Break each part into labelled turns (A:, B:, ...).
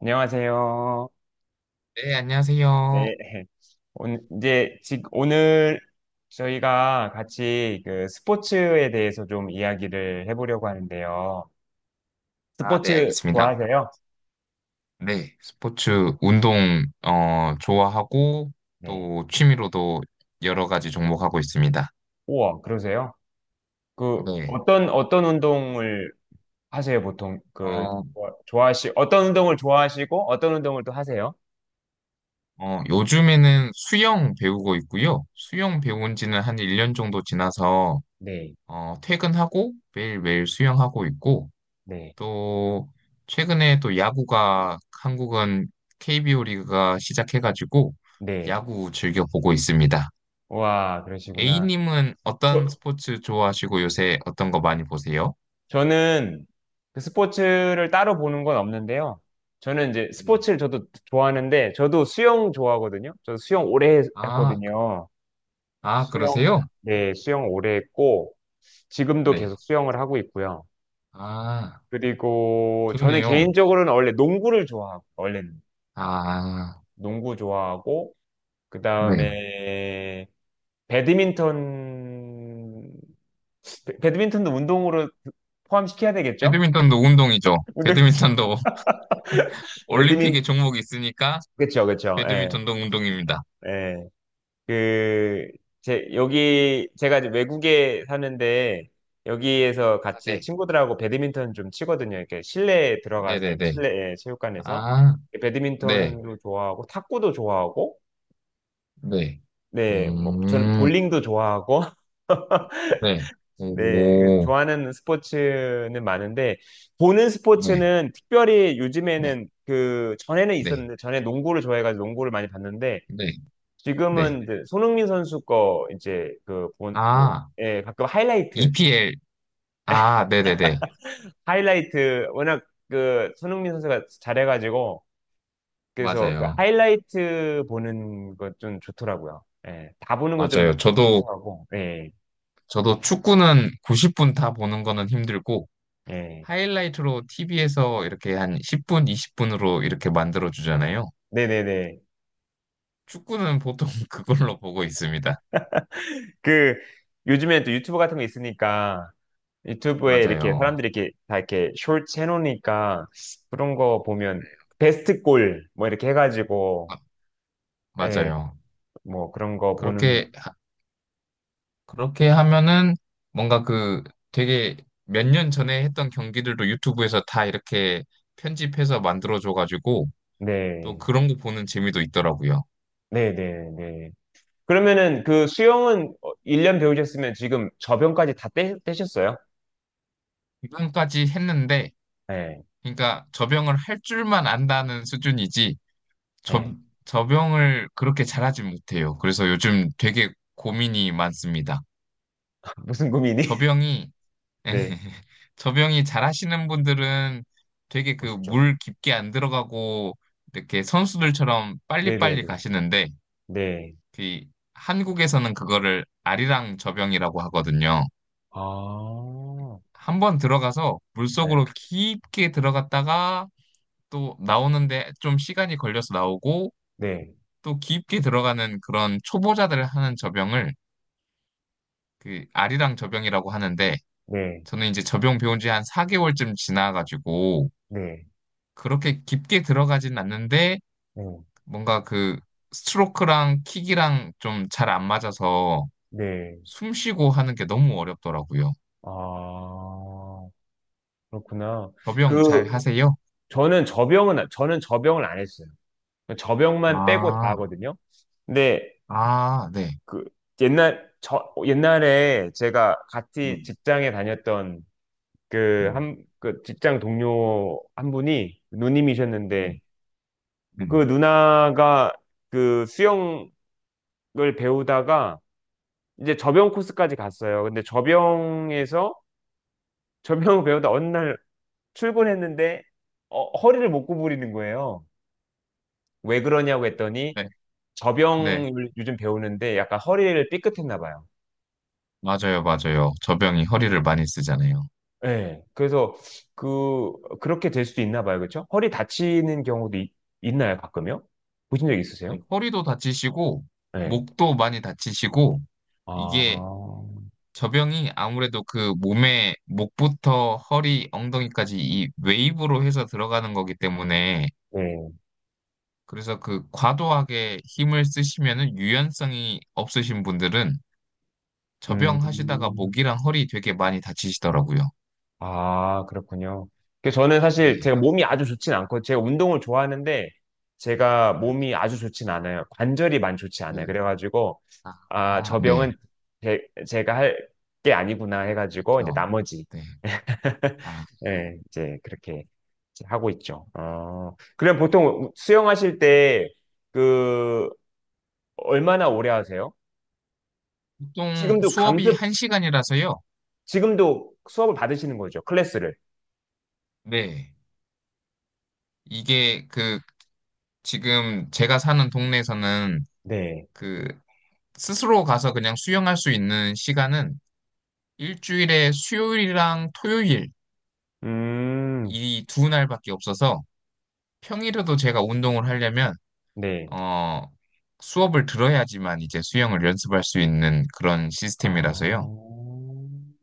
A: 안녕하세요.
B: 네, 안녕하세요.
A: 네. 오늘, 이제, 오늘 저희가 같이 그 스포츠에 대해서 좀 이야기를 해보려고 하는데요.
B: 아, 네,
A: 스포츠
B: 알겠습니다.
A: 좋아하세요?
B: 네, 스포츠, 운동, 좋아하고,
A: 네.
B: 또 취미로도 여러 가지 종목하고 있습니다.
A: 우와, 그러세요? 그,
B: 네,
A: 어떤 운동을 하세요, 보통? 그,
B: 어,
A: 어떤 운동을 좋아하시고, 어떤 운동을 또 하세요?
B: 요즘에는 수영 배우고 있고요. 수영 배운 지는 한 1년 정도 지나서,
A: 네.
B: 퇴근하고 매일매일 수영하고 있고,
A: 네,
B: 또, 최근에 또 야구가, 한국은 KBO 리그가 시작해가지고,
A: 네.
B: 야구 즐겨 보고 있습니다.
A: 우와, 그러시구나.
B: A님은 어떤
A: 저,
B: 스포츠 좋아하시고 요새 어떤 거 많이 보세요?
A: 저는 그 스포츠를 따로 보는 건 없는데요. 저는 이제
B: 네.
A: 스포츠를 저도 좋아하는데, 저도 수영 좋아하거든요. 저도 수영 오래
B: 아,
A: 했거든요.
B: 아,
A: 수영,
B: 그러세요?
A: 네, 수영 오래 했고, 지금도 계속
B: 네.
A: 수영을 하고 있고요.
B: 아,
A: 그리고 저는
B: 좋네요.
A: 개인적으로는 원래 농구를 좋아하고, 원래는
B: 아,
A: 농구 좋아하고, 그
B: 네.
A: 다음에 배드민턴, 배드민턴도 운동으로 포함시켜야 되겠죠?
B: 배드민턴도 운동이죠.
A: 운동,
B: 배드민턴도
A: 배드민,
B: 올림픽에 종목이 있으니까
A: 그쵸, 그쵸. 예.
B: 배드민턴도 운동입니다.
A: 예, 그, 제, 여기, 제가 이제 외국에 사는데, 여기에서
B: 아,
A: 같이
B: 네.
A: 친구들하고 배드민턴 좀 치거든요. 이렇게 실내에 들어가서,
B: 네네네.
A: 실내 예, 체육관에서.
B: 아, 네.
A: 배드민턴도 좋아하고, 탁구도 좋아하고,
B: 네.
A: 네, 뭐, 전
B: 음,
A: 볼링도 좋아하고,
B: 네.
A: 네, 그
B: 오,
A: 좋아하는 스포츠는 많은데, 보는
B: 네.
A: 스포츠는 특별히
B: 네.
A: 요즘에는 그, 전에는
B: 네.
A: 있었는데, 전에 농구를 좋아해가지고 농구를 많이 봤는데,
B: 네.
A: 지금은
B: 네.
A: 이제 손흥민 선수 거 이제 그 그,
B: 아,
A: 예, 가끔 하이라이트,
B: EPL. 아, 네네네.
A: 하이라이트, 워낙 그 손흥민 선수가 잘해가지고, 그래서 그
B: 맞아요.
A: 하이라이트 보는 거 좀 좋더라고요. 예, 다 보는 거 좀
B: 맞아요. 저도,
A: 좋아하고, 예,
B: 저도 축구는 90분 다 보는 거는 힘들고,
A: 예.
B: 하이라이트로 TV에서 이렇게 한 10분, 20분으로 이렇게 만들어 주잖아요.
A: 네네네.
B: 축구는 보통 그걸로 보고 있습니다.
A: 그, 요즘엔 또 유튜브 같은 거 있으니까, 유튜브에 이렇게
B: 맞아요.
A: 사람들이 이렇게 다 이렇게 숄츠 해놓으니까, 그런 거 보면,
B: 네.
A: 베스트 골, 뭐 이렇게 해가지고,
B: 아,
A: 예,
B: 맞아요.
A: 뭐 그런 거 보는
B: 그렇게, 하- 그렇게 하면은 뭔가 그 되게 몇 년 전에 했던 경기들도 유튜브에서 다 이렇게 편집해서 만들어 줘가지고, 또
A: 네.
B: 그런 거 보는 재미도 있더라고요.
A: 네네 네. 그러면은 그 수영은 1년 배우셨으면 지금 저변까지 다 떼셨어요?
B: 지금까지 했는데,
A: 네.
B: 그러니까 접영을 할 줄만 안다는 수준이지 접,
A: 네.
B: 접영을 그렇게 잘하지 못해요. 그래서 요즘 되게 고민이 많습니다.
A: 무슨 고민이?
B: 접영이
A: 네.
B: 접영이 잘하시는 분들은 되게 그
A: 멋있죠.
B: 물 깊게 안 들어가고 이렇게 선수들처럼 빨리빨리
A: 네네네.
B: 가시는데
A: 네.
B: 그 한국에서는 그거를 아리랑 접영이라고 하거든요.
A: 아.
B: 한 번 들어가서
A: 네.
B: 물속으로 깊게 들어갔다가 또 나오는데 좀 시간이 걸려서 나오고
A: 네.
B: 또 깊게 들어가는 그런 초보자들 하는 접영을 그 아리랑 접영이라고 하는데
A: 네.
B: 저는 이제 접영 배운 지 한 4개월쯤 지나가지고
A: 네.
B: 그렇게 깊게 들어가진 않는데
A: 네.
B: 뭔가 그 스트로크랑 킥이랑 좀 잘 안 맞아서
A: 네.
B: 숨 쉬고 하는 게 너무 어렵더라고요.
A: 아. 그렇구나.
B: 접영 잘
A: 그
B: 하세요?
A: 저는 저병을 안 했어요. 저병만 빼고 다
B: 아,
A: 하거든요. 근데
B: 아, 네.
A: 그 옛날 저 옛날에 제가 같이
B: 음,
A: 직장에 다녔던 그
B: 음,
A: 한 그 직장 동료 한 분이 누님이셨는데
B: 음,
A: 그
B: 음.
A: 누나가 그 수영을 배우다가 이제 접영 코스까지 갔어요. 근데 접영에서 접영을 배우다 어느 날 출근했는데 어, 허리를 못 구부리는 거예요. 왜 그러냐고 했더니
B: 네, 네.
A: 접영을 요즘 배우는데 약간 허리를 삐끗했나 봐요.
B: 맞아요, 맞아요. 접영이 허리를 많이 쓰잖아요.
A: 예. 그래서 그 그렇게 될 수도 있나 봐요. 그렇죠? 허리 다치는 경우도 나요 가끔요? 보신 적 있으세요?
B: 네. 허리도 다치시고,
A: 예.
B: 목도 많이 다치시고,
A: 아.
B: 이게 저병이 아무래도 그 몸에 목부터 허리, 엉덩이까지 이 웨이브로 해서 들어가는 거기 때문에,
A: 네.
B: 그래서 그 과도하게 힘을 쓰시면은 유연성이 없으신 분들은 저병 하시다가
A: 음.
B: 목이랑 허리 되게 많이 다치시더라고요.
A: 아, 그렇군요. 그 저는 사실 제가
B: 네.
A: 몸이 아주 좋진 않고 제가 운동을 좋아하는데 제가 몸이 아주 좋진 않아요. 관절이 많이 좋지 않아요.
B: 네.
A: 그래가지고 아,
B: 아,
A: 저 병은
B: 네.
A: 제, 제가 할 게 아니구나 해가지고 이제
B: 그렇죠.
A: 나머지
B: 네. 아,
A: 예, 이제 그렇게 이제 하고 있죠. 어, 그럼 보통 수영하실 때 그 얼마나 오래 하세요?
B: 보통
A: 지금도
B: 수업이
A: 강습,
B: 한시간이라서요.
A: 지금도 수업을 받으시는 거죠, 클래스를.
B: 네. 이게 그 지금 제가 사는 동네에서는
A: 네.
B: 그 스스로 가서 그냥 수영할 수 있는 시간은 일주일에 수요일이랑 토요일
A: 음,
B: 이 두 날밖에 없어서 평일에도 제가 운동을 하려면
A: 네.
B: 어 수업을 들어야지만 이제 수영을 연습할 수 있는 그런 시스템이라서요.
A: 아,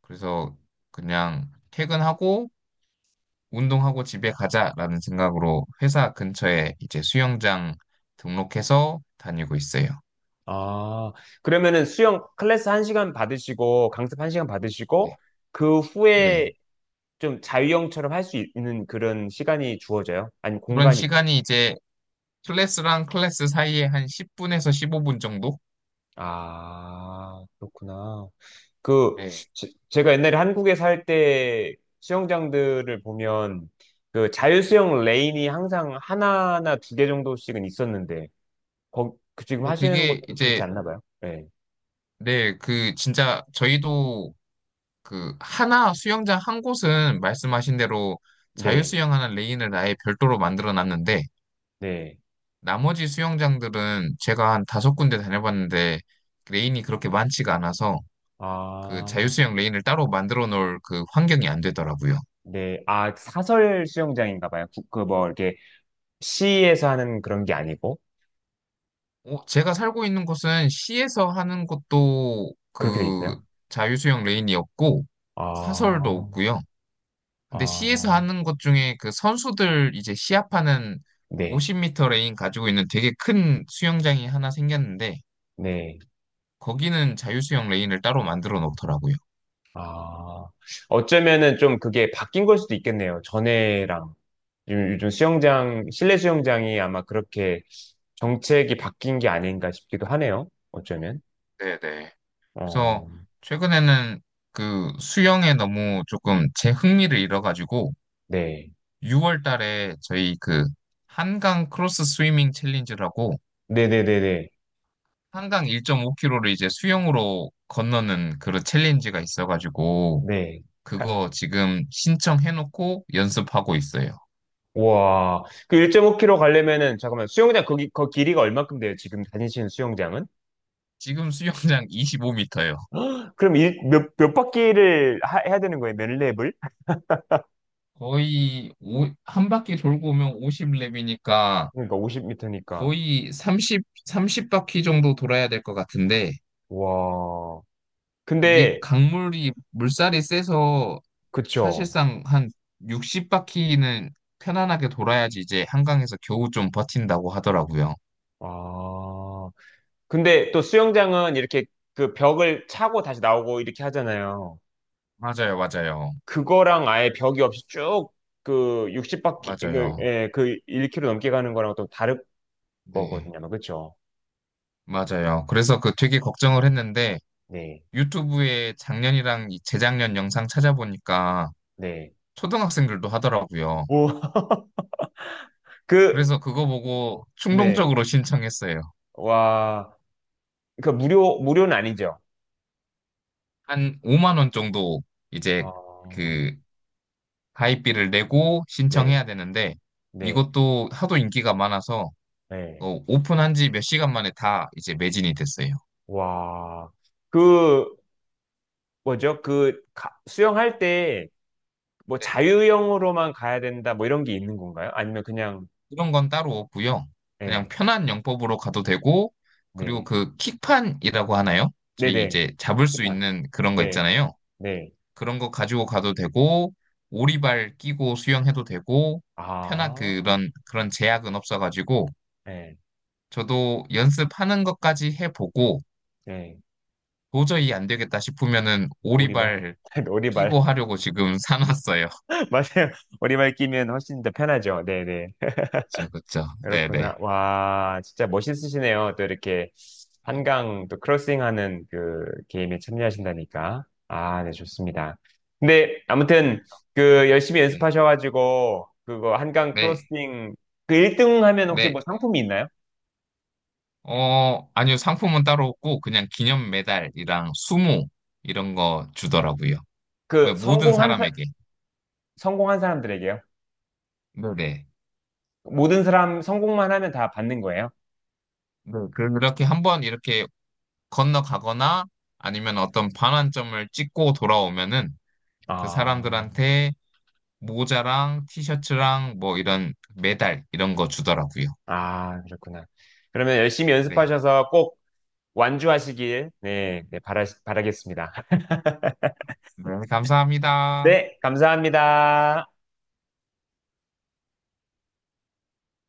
B: 그래서 그냥 퇴근하고 운동하고 집에 가자라는 생각으로 회사 근처에 이제 수영장 등록해서 다니고 있어요.
A: 아, 그러면은 수영 클래스 한시간 받으시고, 강습 한시간 받으시고,
B: 네.
A: 그 후에
B: 네.
A: 좀 자유형처럼 할 수 있는 그런 시간이 주어져요? 아니,
B: 그런
A: 공간이.
B: 시간이 이제 클래스랑 클래스 사이에 한 10분에서 15분 정도?
A: 아, 그렇구나. 그,
B: 네.
A: 제가 옛날에 한국에 살 때 수영장들을 보면 그 자유수영 레인이 항상 하나나 두 개 정도씩은 있었는데, 거, 그 지금
B: 근데
A: 하시는
B: 그게
A: 곳은 그렇지
B: 이제,
A: 않나 봐요? 네.
B: 네, 그, 진짜, 저희도 그, 하나 수영장 한 곳은 말씀하신 대로
A: 네.
B: 자유수영하는 레인을 아예 별도로 만들어 놨는데,
A: 네.
B: 나머지 수영장들은 제가 한 다섯 군데 다녀봤는데, 레인이 그렇게 많지가 않아서, 그
A: 아,
B: 자유수영 레인을 따로 만들어 놓을 그 환경이 안 되더라고요.
A: 네. 아, 사설 수영장인가 봐요. 그, 그 뭐, 이렇게 시에서 하는 그런 게 아니고,
B: 제가 살고 있는 곳은 시에서 하는 것도
A: 그렇게 돼
B: 그
A: 있어요?
B: 자유수영 레인이 없고 사설도
A: 아,
B: 없고요. 근데 시에서
A: 아,
B: 하는 것 중에 그 선수들 이제 시합하는
A: 네.
B: 5 0터 레인 가지고 있는 되게 큰 수영장이 하나 생겼는데
A: 네.
B: 거기는 자유수영 레인을 따로 만들어 놓더라고요.
A: 아, 어쩌면은 좀 그게 바뀐 걸 수도 있겠네요. 전에랑. 요즘, 요즘 수영장, 실내 수영장이 아마 그렇게 정책이 바뀐 게 아닌가 싶기도 하네요. 어쩌면.
B: 네네.
A: 어,
B: 그래서 최근에는 그 수영에 너무 조금 제 흥미를 잃어가지고
A: 네.
B: 6월 달에 저희 그 한강 크로스 스위밍 챌린지라고
A: 네네네네.
B: 한강 1.5km를 이제 수영으로 건너는 그런 챌린지가 있어가지고,
A: 네.
B: 그거 지금 신청해놓고 연습하고 있어요.
A: 와. 그 1.5km 가려면은, 잠깐만, 수영장, 거기, 거 길이가 얼만큼 돼요? 지금 다니시는 수영장은?
B: 지금 수영장 25m예요.
A: 그럼 일, 몇, 몇 바퀴를 해야 되는 거예요? 몇 랩을?
B: 한 바퀴 돌고 오면 50랩이니까
A: 그러니까 50m니까.
B: 거의 30바퀴 정도 돌아야 될 것 같은데,
A: 와.
B: 이게
A: 근데,
B: 강물이, 물살이 세서
A: 그쵸.
B: 사실상 한 60바퀴는 편안하게 돌아야지 이제 한강에서 겨우 좀 버틴다고 하더라고요.
A: 아. 근데 또 수영장은 이렇게 그 벽을 차고 다시 나오고 이렇게 하잖아요.
B: 맞아요, 맞아요.
A: 그거랑 아예 벽이 없이 쭉 그 60바퀴, 그,
B: 맞아요.
A: 예, 그 1km 넘게 가는 거랑 또 다른
B: 네,
A: 거거든요. 아마. 그쵸?
B: 맞아요. 그래서 그 되게 걱정을 했는데
A: 네,
B: 유튜브에 작년이랑 이 재작년 영상 찾아보니까
A: 네.
B: 초등학생들도 하더라고요.
A: 오, 그,
B: 그래서 그거 보고
A: 네.
B: 충동적으로 신청했어요.
A: 와, 그 무료, 무료는 아니죠.
B: 한 5만 원 정도 이제
A: 어,
B: 그 가입비를 내고
A: 네,
B: 신청해야 되는데
A: 네,
B: 이것도 하도 인기가 많아서
A: 네.
B: 오픈한 지 몇 시간 만에 다 이제 매진이 됐어요.
A: 와, 그, 뭐죠? 그, 수영할 때 뭐 자유형으로만 가야 된다 뭐 이런 게 있는 건가요? 아니면 그냥,
B: 이런 건 따로 없고요. 그냥
A: 예.
B: 편한 영법으로 가도 되고, 그리고
A: 네.
B: 그 킥판이라고 하나요? 저희
A: 네네.
B: 이제 잡을 수
A: 시판.
B: 있는 그런 거
A: 네.
B: 있잖아요.
A: 네.
B: 그런 거 가지고 가도 되고, 오리발 끼고 수영해도 되고, 편한
A: 아,
B: 그런, 그런 제약은 없어가지고,
A: 네.
B: 저도 연습하는 것까지 해보고,
A: 네.
B: 도저히 안 되겠다 싶으면은
A: 오리발.
B: 오리발
A: 오리발.
B: 끼고 하려고 지금 사놨어요.
A: 맞아요. 오리발 끼면 훨씬 더 편하죠. 네네.
B: 그쵸, 그쵸. 네네.
A: 그렇구나. 와, 진짜 멋있으시네요. 또 이렇게
B: 아,
A: 한강 또 크로싱하는 그 게임에 참여하신다니까. 아, 네, 좋습니다. 근데 아무튼
B: 아,
A: 그 열심히
B: 네.
A: 연습하셔가지고 그거 한강
B: 네.
A: 크로싱 그 1등 하면 혹시
B: 네.
A: 뭐 상품이 있나요?
B: 아니요. 상품은 따로 없고 그냥 기념 메달이랑 수모 이런 거 주더라고요. 왜
A: 그
B: 모든
A: 성공한 사,
B: 사람에게.
A: 성공한 사람들에게요.
B: 네네.
A: 모든 사람 성공만 하면 다 받는 거예요.
B: 네. 그렇게 한번 이렇게 건너가거나 아니면 어떤 반환점을 찍고 돌아오면은 그
A: 아,
B: 사람들한테 모자랑 티셔츠랑 뭐 이런 메달 이런 거 주더라고요.
A: 아, 그렇구나. 그러면 열심히
B: 네.
A: 연습하셔서 꼭 완주하시길, 네, 네, 바라겠습니다.
B: 네, 감사합니다.
A: 네, 감사합니다.